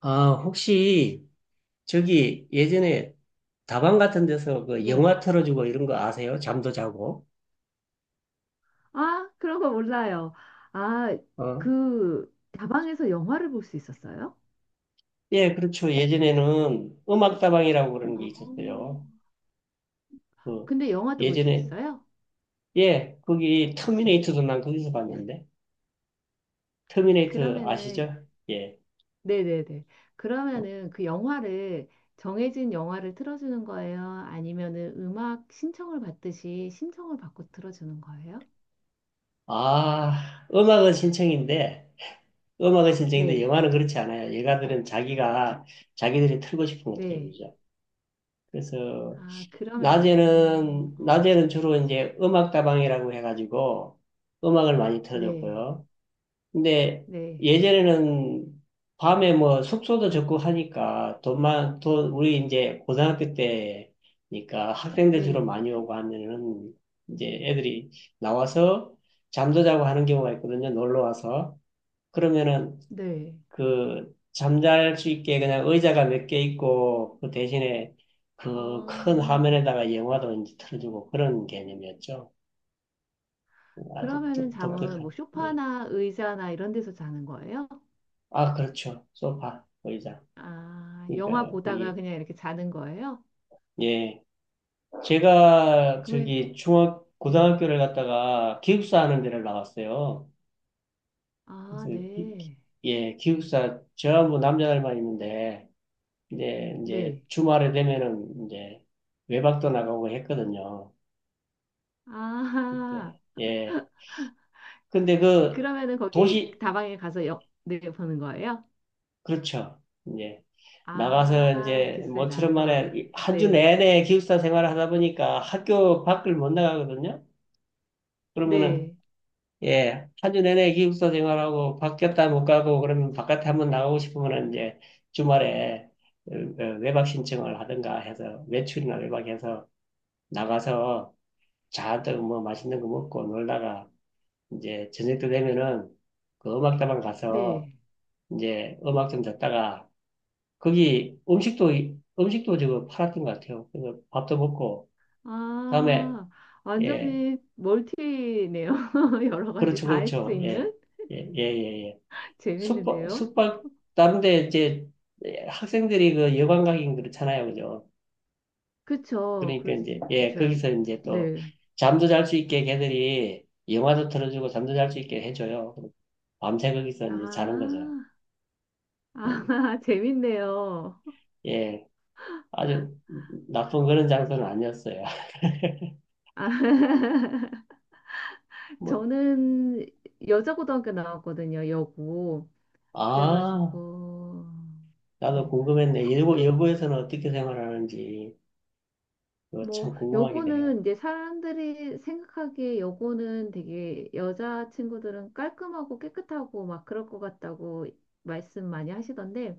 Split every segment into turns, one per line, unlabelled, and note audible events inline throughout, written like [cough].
아, 혹시 저기 예전에 다방 같은 데서 그
네.
영화 틀어주고 이런 거 아세요? 잠도 자고.
아, 그런 거 몰라요. 아,
어?
그 다방에서 영화를 볼 수 있었어요?
예, 그렇죠. 예전에는 음악다방이라고 그러는 게
어,
있었어요. 그
근데 영화도 볼 수
예전에
있어요?
예, 거기 터미네이터도 난 거기서 봤는데. 터미네이터
그러면은
아시죠? 예.
네네네. 그러면은 그 영화를 정해진 영화를 틀어주는 거예요? 아니면은 음악 신청을 받듯이 신청을 받고 틀어주는 거예요?
아, 음악은 신청인데
네,
영화는 그렇지 않아요. 영화들은 자기가 자기들이 틀고 싶은 거
네.
틀어주죠. 그래서
아, 그러면은
낮에는,
어,
낮에는 주로 이제 음악다방이라고 해가지고 음악을 많이
네,
틀어줬고요. 근데
네,
예전에는 밤에 뭐 숙소도 적고 하니까 우리 이제 고등학교 때니까 학생들 주로
네,
많이 오고 하면은 이제 애들이 나와서 잠도 자고 하는 경우가 있거든요. 놀러 와서. 그러면은
네.
그 잠잘 수 있게 그냥 의자가 몇 개 있고 그 대신에
아,
그 큰 화면에다가 영화도 이제 틀어주고 그런 개념이었죠. 아주
그러면은
아,
잠은
독특한.
뭐
예.
소파나 의자나 이런 데서 자는 거예요?
아, 그렇죠. 소파, 의자.
아,
그러니까
영화 보다가
거기
그냥 이렇게 자는 거예요?
예. 제가
그러면,
저기 중학 고등학교를
음,
갔다가 기숙사 하는 데를 나왔어요. 그래서
아,
기- 기-
네.
예, 기숙사 저하고 남자들만 있는데 이제
네.
주말에 되면은 이제 외박도 나가고 했거든요.
아,
예.
[laughs]
예. 근데 그
그러면은 거기
도시,
다방에 가서 영, 네, 보는 거예요?
그렇죠. 이제 나가서
아,
이제
기스에
모처럼
나서.
만에 한 주
네.
내내 기숙사 생활을 하다 보니까 학교 밖을 못 나가거든요. 그러면은
네.
예, 한 주 내내 기숙사 생활하고 밖에 없다 못 가고 그러면 바깥에 한번 나가고 싶으면은 이제 주말에 어, 외박 신청을 하든가 해서 외출이나 외박해서 나가서 잔뜩 뭐 맛있는 거 먹고 놀다가 이제 저녁 때 되면은 그 음악다방 가서
네.
이제 음악 좀 듣다가 거기 음식도 지금 팔았던 것 같아요. 그래서 밥도 먹고 다음에.
아,
예,
완전히 멀티네요. [laughs] 여러 가지
그렇죠,
다 할 수
그렇죠,
있는?
예, 예예예
[laughs]
숙박
재밌는데요?
숙박 다른데 이제 예, 학생들이 그 여관가긴 그렇잖아요, 그죠?
그쵸.
그러니까
그럴
이제
수,
예
그쵸.
거기서 이제 또
네.
잠도 잘 수 있게 걔들이 영화도 틀어주고 잠도 잘 수 있게 해줘요. 밤새 거기서
아,
이제 자는 거죠. 예,
아, [laughs] 재밌네요.
예, 아주 나쁜 그런 장소는 아니었어요. [laughs]
아, [laughs]
뭐
저는 여자고등학교 나왔거든요, 여고.
아.
그래가지고,
나도
네.
궁금했네. 일부,
학교,
여부에서는 어떻게 생활하는지, 그거 참
뭐,
궁금하게 돼요.
여고는 이제 사람들이 생각하기에 여고는 되게 여자 친구들은 깔끔하고 깨끗하고 막 그럴 것 같다고 말씀 많이 하시던데,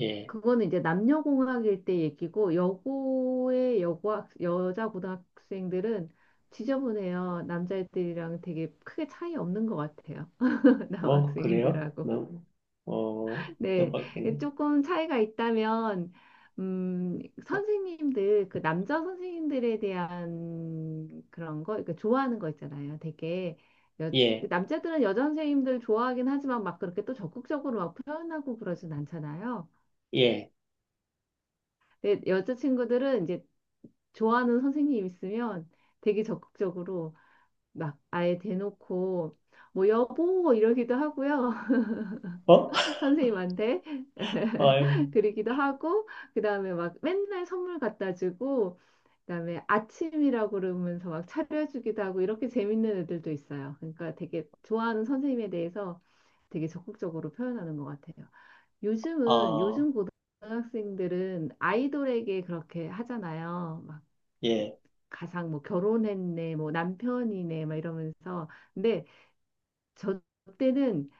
예.
그거는 이제 남녀공학일 때 얘기고 여고의 여고학 여자 고등학생들은 지저분해요. 남자애들이랑 되게 크게 차이 없는 것 같아요. [laughs]
뭐, 그래요?
남학생들하고.
너무,
네,
뜻밖이네.
조금 차이가 있다면 음, 선생님들 그 남자 선생님들에 대한 그런 거, 그러니까 좋아하는 거 있잖아요. 되게 여,
예,
남자들은 여자 선생님들 좋아하긴 하지만 막 그렇게 또 적극적으로 막 표현하고 그러진 않잖아요.
예.
근데 여자친구들은 이제 좋아하는 선생님 있으면 되게 적극적으로 막 아예 대놓고 뭐 여보 이러기도 하고요.
어?
[laughs]
[laughs]
선생님한테
아유,
[laughs] 그러기도 하고 그다음에 막 맨날 선물 갖다 주고 그다음에 아침이라고 그러면서 막 차려주기도 하고 이렇게 재밌는 애들도 있어요. 그러니까 되게 좋아하는 선생님에 대해서 되게 적극적으로 표현하는 것 같아요. 요즘은
아,
요즘 고등학생들은 아이돌에게 그렇게 하잖아요. 막
예.
가상 뭐 결혼했네, 뭐 남편이네, 막 이러면서. 근데 저 때는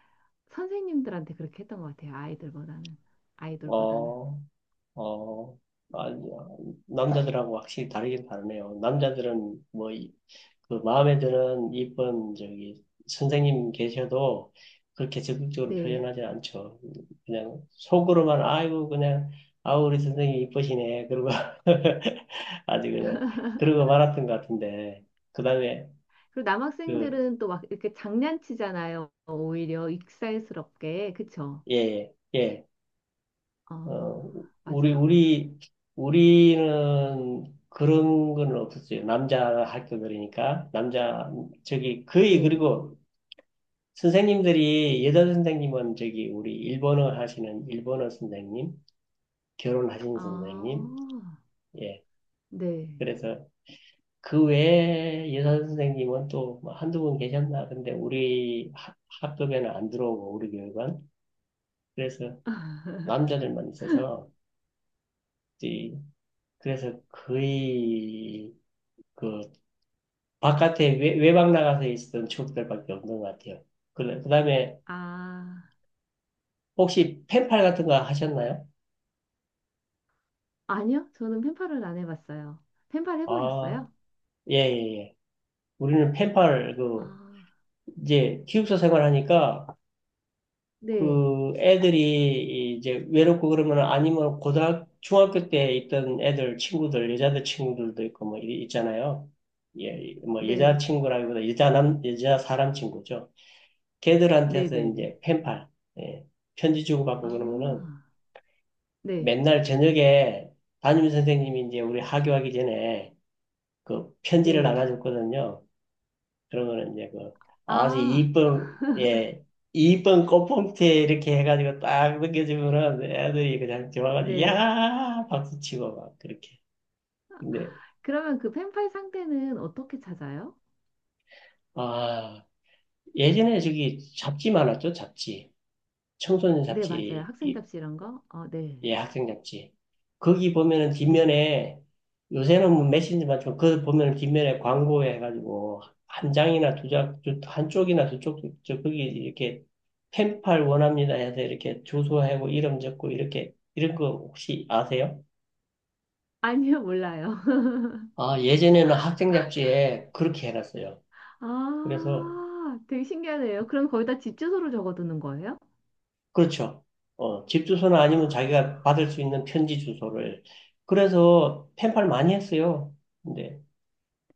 선생님들한테 그렇게 했던 것 같아요. 아이들보다는 아이돌보다는.
어, 어, 아니, 남자들하고 확실히 다르긴 다르네요. 남자들은 뭐, 그 마음에 드는 이쁜 저기 선생님 계셔도 그렇게 적극적으로
네.
표현하지 않죠. 그냥 속으로만 아이고 그냥 아우 우리 선생님 이쁘시네 그러고 [laughs] 아주 그냥 그러고 말았던 것 같은데 그다음에.
그리고 남학생들은 또 막 이렇게 장난치잖아요. 오히려 익살스럽게. 그쵸?
그예예어
아,
우리
맞아요.
우리 우리는 그런 건 없었어요. 남자 학교 들이니까 남자 저기 거의.
예.
그리고 선생님들이 여자 선생님은 저기 우리 일본어 하시는 일본어 선생님, 결혼하신
아,
선생님, 예.
네.
그래서 그 외에 여자 선생님은 또 뭐 한두 분 계셨나? 근데 우리 학급에는 안 들어오고 우리 교육은 그래서
[laughs]
남자들만 있어서 이- 그래서 거의 그 바깥에 외박 나가서 있었던 추억들밖에 없는 것 같아요. 그래, 그다음에
아.
혹시 펜팔 같은 거 하셨나요?
아니요, 저는 펜팔을 안 해봤어요. 펜팔
아,
해보셨어요?
예, 예, 예. 우리는 페팔
아,
그 이제 기숙사 생활하니까
네,
그 애들이 이제 외롭고 그러면 아니면 고등학 중학교 때 있던 애들 친구들 여자들 친구들도 있고 뭐 있잖아요. 예, 뭐 여자
네,
친구라기보다 여자 사람 친구죠.
네,
걔들한테서
네, 네.
이제 펜팔 예, 편지 주고받고 그러면은
아, 네,
맨날 저녁에 담임 선생님이 이제 우리 하교하기 전에 그 편지를
네.
나눠줬거든요. 그러면 이제 그 아주
아,
이쁜 예 이쁜 꽃봉투에 이렇게 해가지고 딱 넘겨주면은 애들이 그냥 좋아가지고
네.
야 박수치고 막 그렇게. 근데
그러면 그 펜팔 상태는 어떻게 찾아요?
아, 예전에 저기 잡지 많았죠, 잡지. 청소년
네, 맞아요.
잡지.
학생 답시 이런 거? 어, 네,
예, 학생 잡지. 거기 보면은
네.
뒷면에, 요새는 뭐 메신저만 좀, 그 보면은 뒷면에 광고에 해가지고 한 장이나 두 장, 한쪽이나 두 쪽, 저 거기 이렇게 펜팔 원합니다 해서 이렇게 주소하고 이름 적고 이렇게, 이런 거 혹시 아세요?
아니요, 몰라요.
아, 예전에는 학생
[laughs]
잡지에 그렇게 해놨어요. 그래서
아, 되게 신기하네요. 그럼 거기다 집 주소를 적어두는 거예요?
그렇죠. 어, 집 주소나
아,
아니면 자기가 받을 수 있는 편지 주소를. 그래서 펜팔 많이 했어요. 근데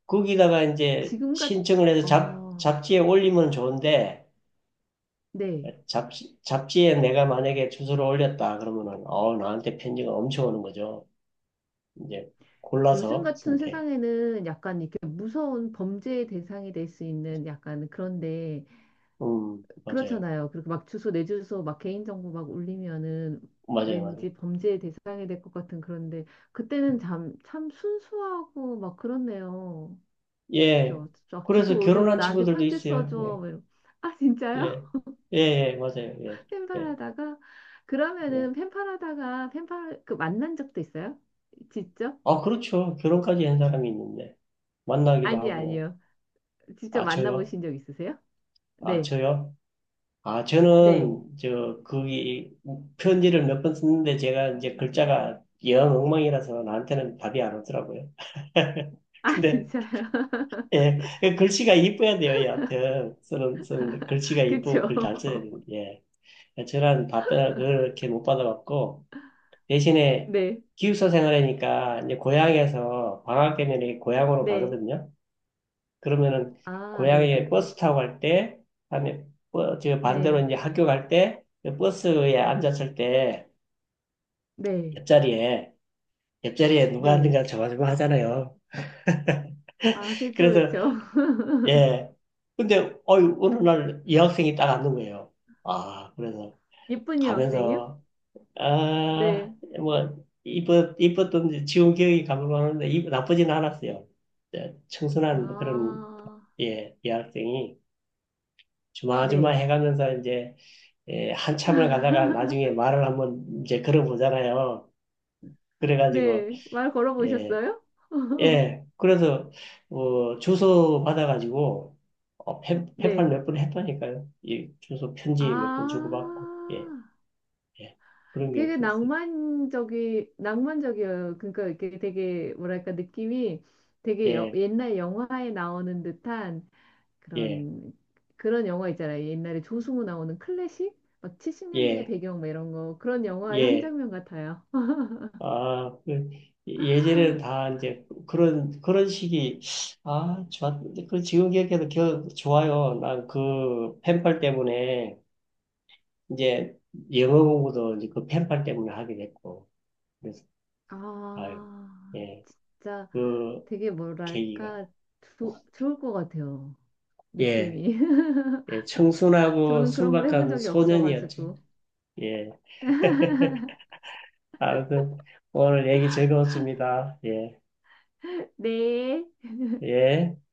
거기다가 이제
지금 같,
신청을 해서
어,
잡지에 올리면 좋은데,
네.
잡지에 내가 만약에 주소를 올렸다 그러면은, 나한테 편지가 엄청 오는 거죠. 이제
요즘
골라서
같은
선택.
세상에는 약간 이렇게 무서운 범죄의 대상이 될 수 있는 약간 그런데
맞아요.
그렇잖아요. 그리고 막 주소 내 주소 막 개인정보 막 올리면은
맞아요, 맞아요.
왠지 범죄의 대상이 될 것 같은 그런데 그때는 참, 참 순수하고 막 그렇네요.
예.
그죠? 쫙 주소
그래서
올리고
결혼한
나한테
친구들도
편지
있어요.
써줘.
예,
뭐 이러- 아
예,
진짜요?
예, 예, 맞아요. 예,
[laughs]
예,
팬팔하다가
예.
그러면은 팬팔하다가 팬팔 그 만난 적도 있어요? 직접?
아, 그렇죠. 결혼까지 한 사람이 있는데, 만나기도
아니
하고.
아니요. 직접
아, 저요?
만나보신 적 있으세요?
아,
네.
저요? 아,
네.
저는, 거기, 편지를 몇 번 썼는데 제가 이제 글자가 영 엉망이라서 나한테는 답이 안 오더라고요. [laughs]
아,
근데,
진짜요? [laughs]
예, 그 글씨가 이뻐야 돼요, 여하튼. 쓰는데, 글씨가 이쁘고
그쵸?
글 잘 써야
[laughs]
되는데, 예. 저는 답변을 그렇게 못 받아봤고, 대신에
네.
기숙사 생활이니까, 이제 고향에서 방학 되면 고향으로
네.
가거든요. 그러면은
아,
고향에
네네.
버스 타고 갈 때, 그다음에, 저 반대로
네.
이제 학교 갈 때, 그 버스에 앉았을 때
네.
옆자리에 옆자리에 누가
네.
앉는가 저가지고 하잖아요. [laughs]
아, 그쵸,
그래서
그쵸. [laughs]
예. 근데 어유 어느 날 여학생이 딱 앉는 거예요. 아 그래서
예쁜 여학생이요?
가면서 아
네.
뭐, 이뻤던 지운 기억이 가물가물한데 나쁘진 않았어요. 예, 청순한 그런
아,
예 여학생이 주마주마
네.
해가면서 이제, 예, 한참을 가다가 나중에 말을 한번 이제 걸어보잖아요. 그래가지고,
네. 말
예,
걸어보셨어요?
예. 그래서, 주소 받아가지고, 펜팔
네.
몇 번 했다니까요. 이 주소
아,
편지 몇 번 주고받고, 예, 예. 그런
되게
기억도 있어요.
낭만적이, 낭만적이에요. 그러니까 이렇게 되게, 뭐랄까, 느낌이 되게 여-
예,
옛날 영화에 나오는 듯한
예,
그런 그런 영화 있잖아요. 옛날에 조승우 나오는 클래식 막 70년대
예,
배경 막 이런 거 그런 영화의 한
예.
장면 같아요. [laughs]
아, 그, 예전에는 다 이제 그런, 그런 식이, 아, 좋았, 그 지금 기억해도 좋아요. 난 그 펜팔 때문에 이제 영어 공부도 이제 그 펜팔 때문에 하게 됐고, 그래서, 아유,
아,
예,
진짜
그
되게
계기가,
뭐랄까 조, 좋을 것 같아요.
예,
느낌이.
예,
[laughs]
청순하고
저는 그런 걸 해본
순박한
적이
소년이었죠.
없어가지고.
예. [laughs] 아무튼, 오늘 얘기 즐거웠습니다. 예,
네.
예.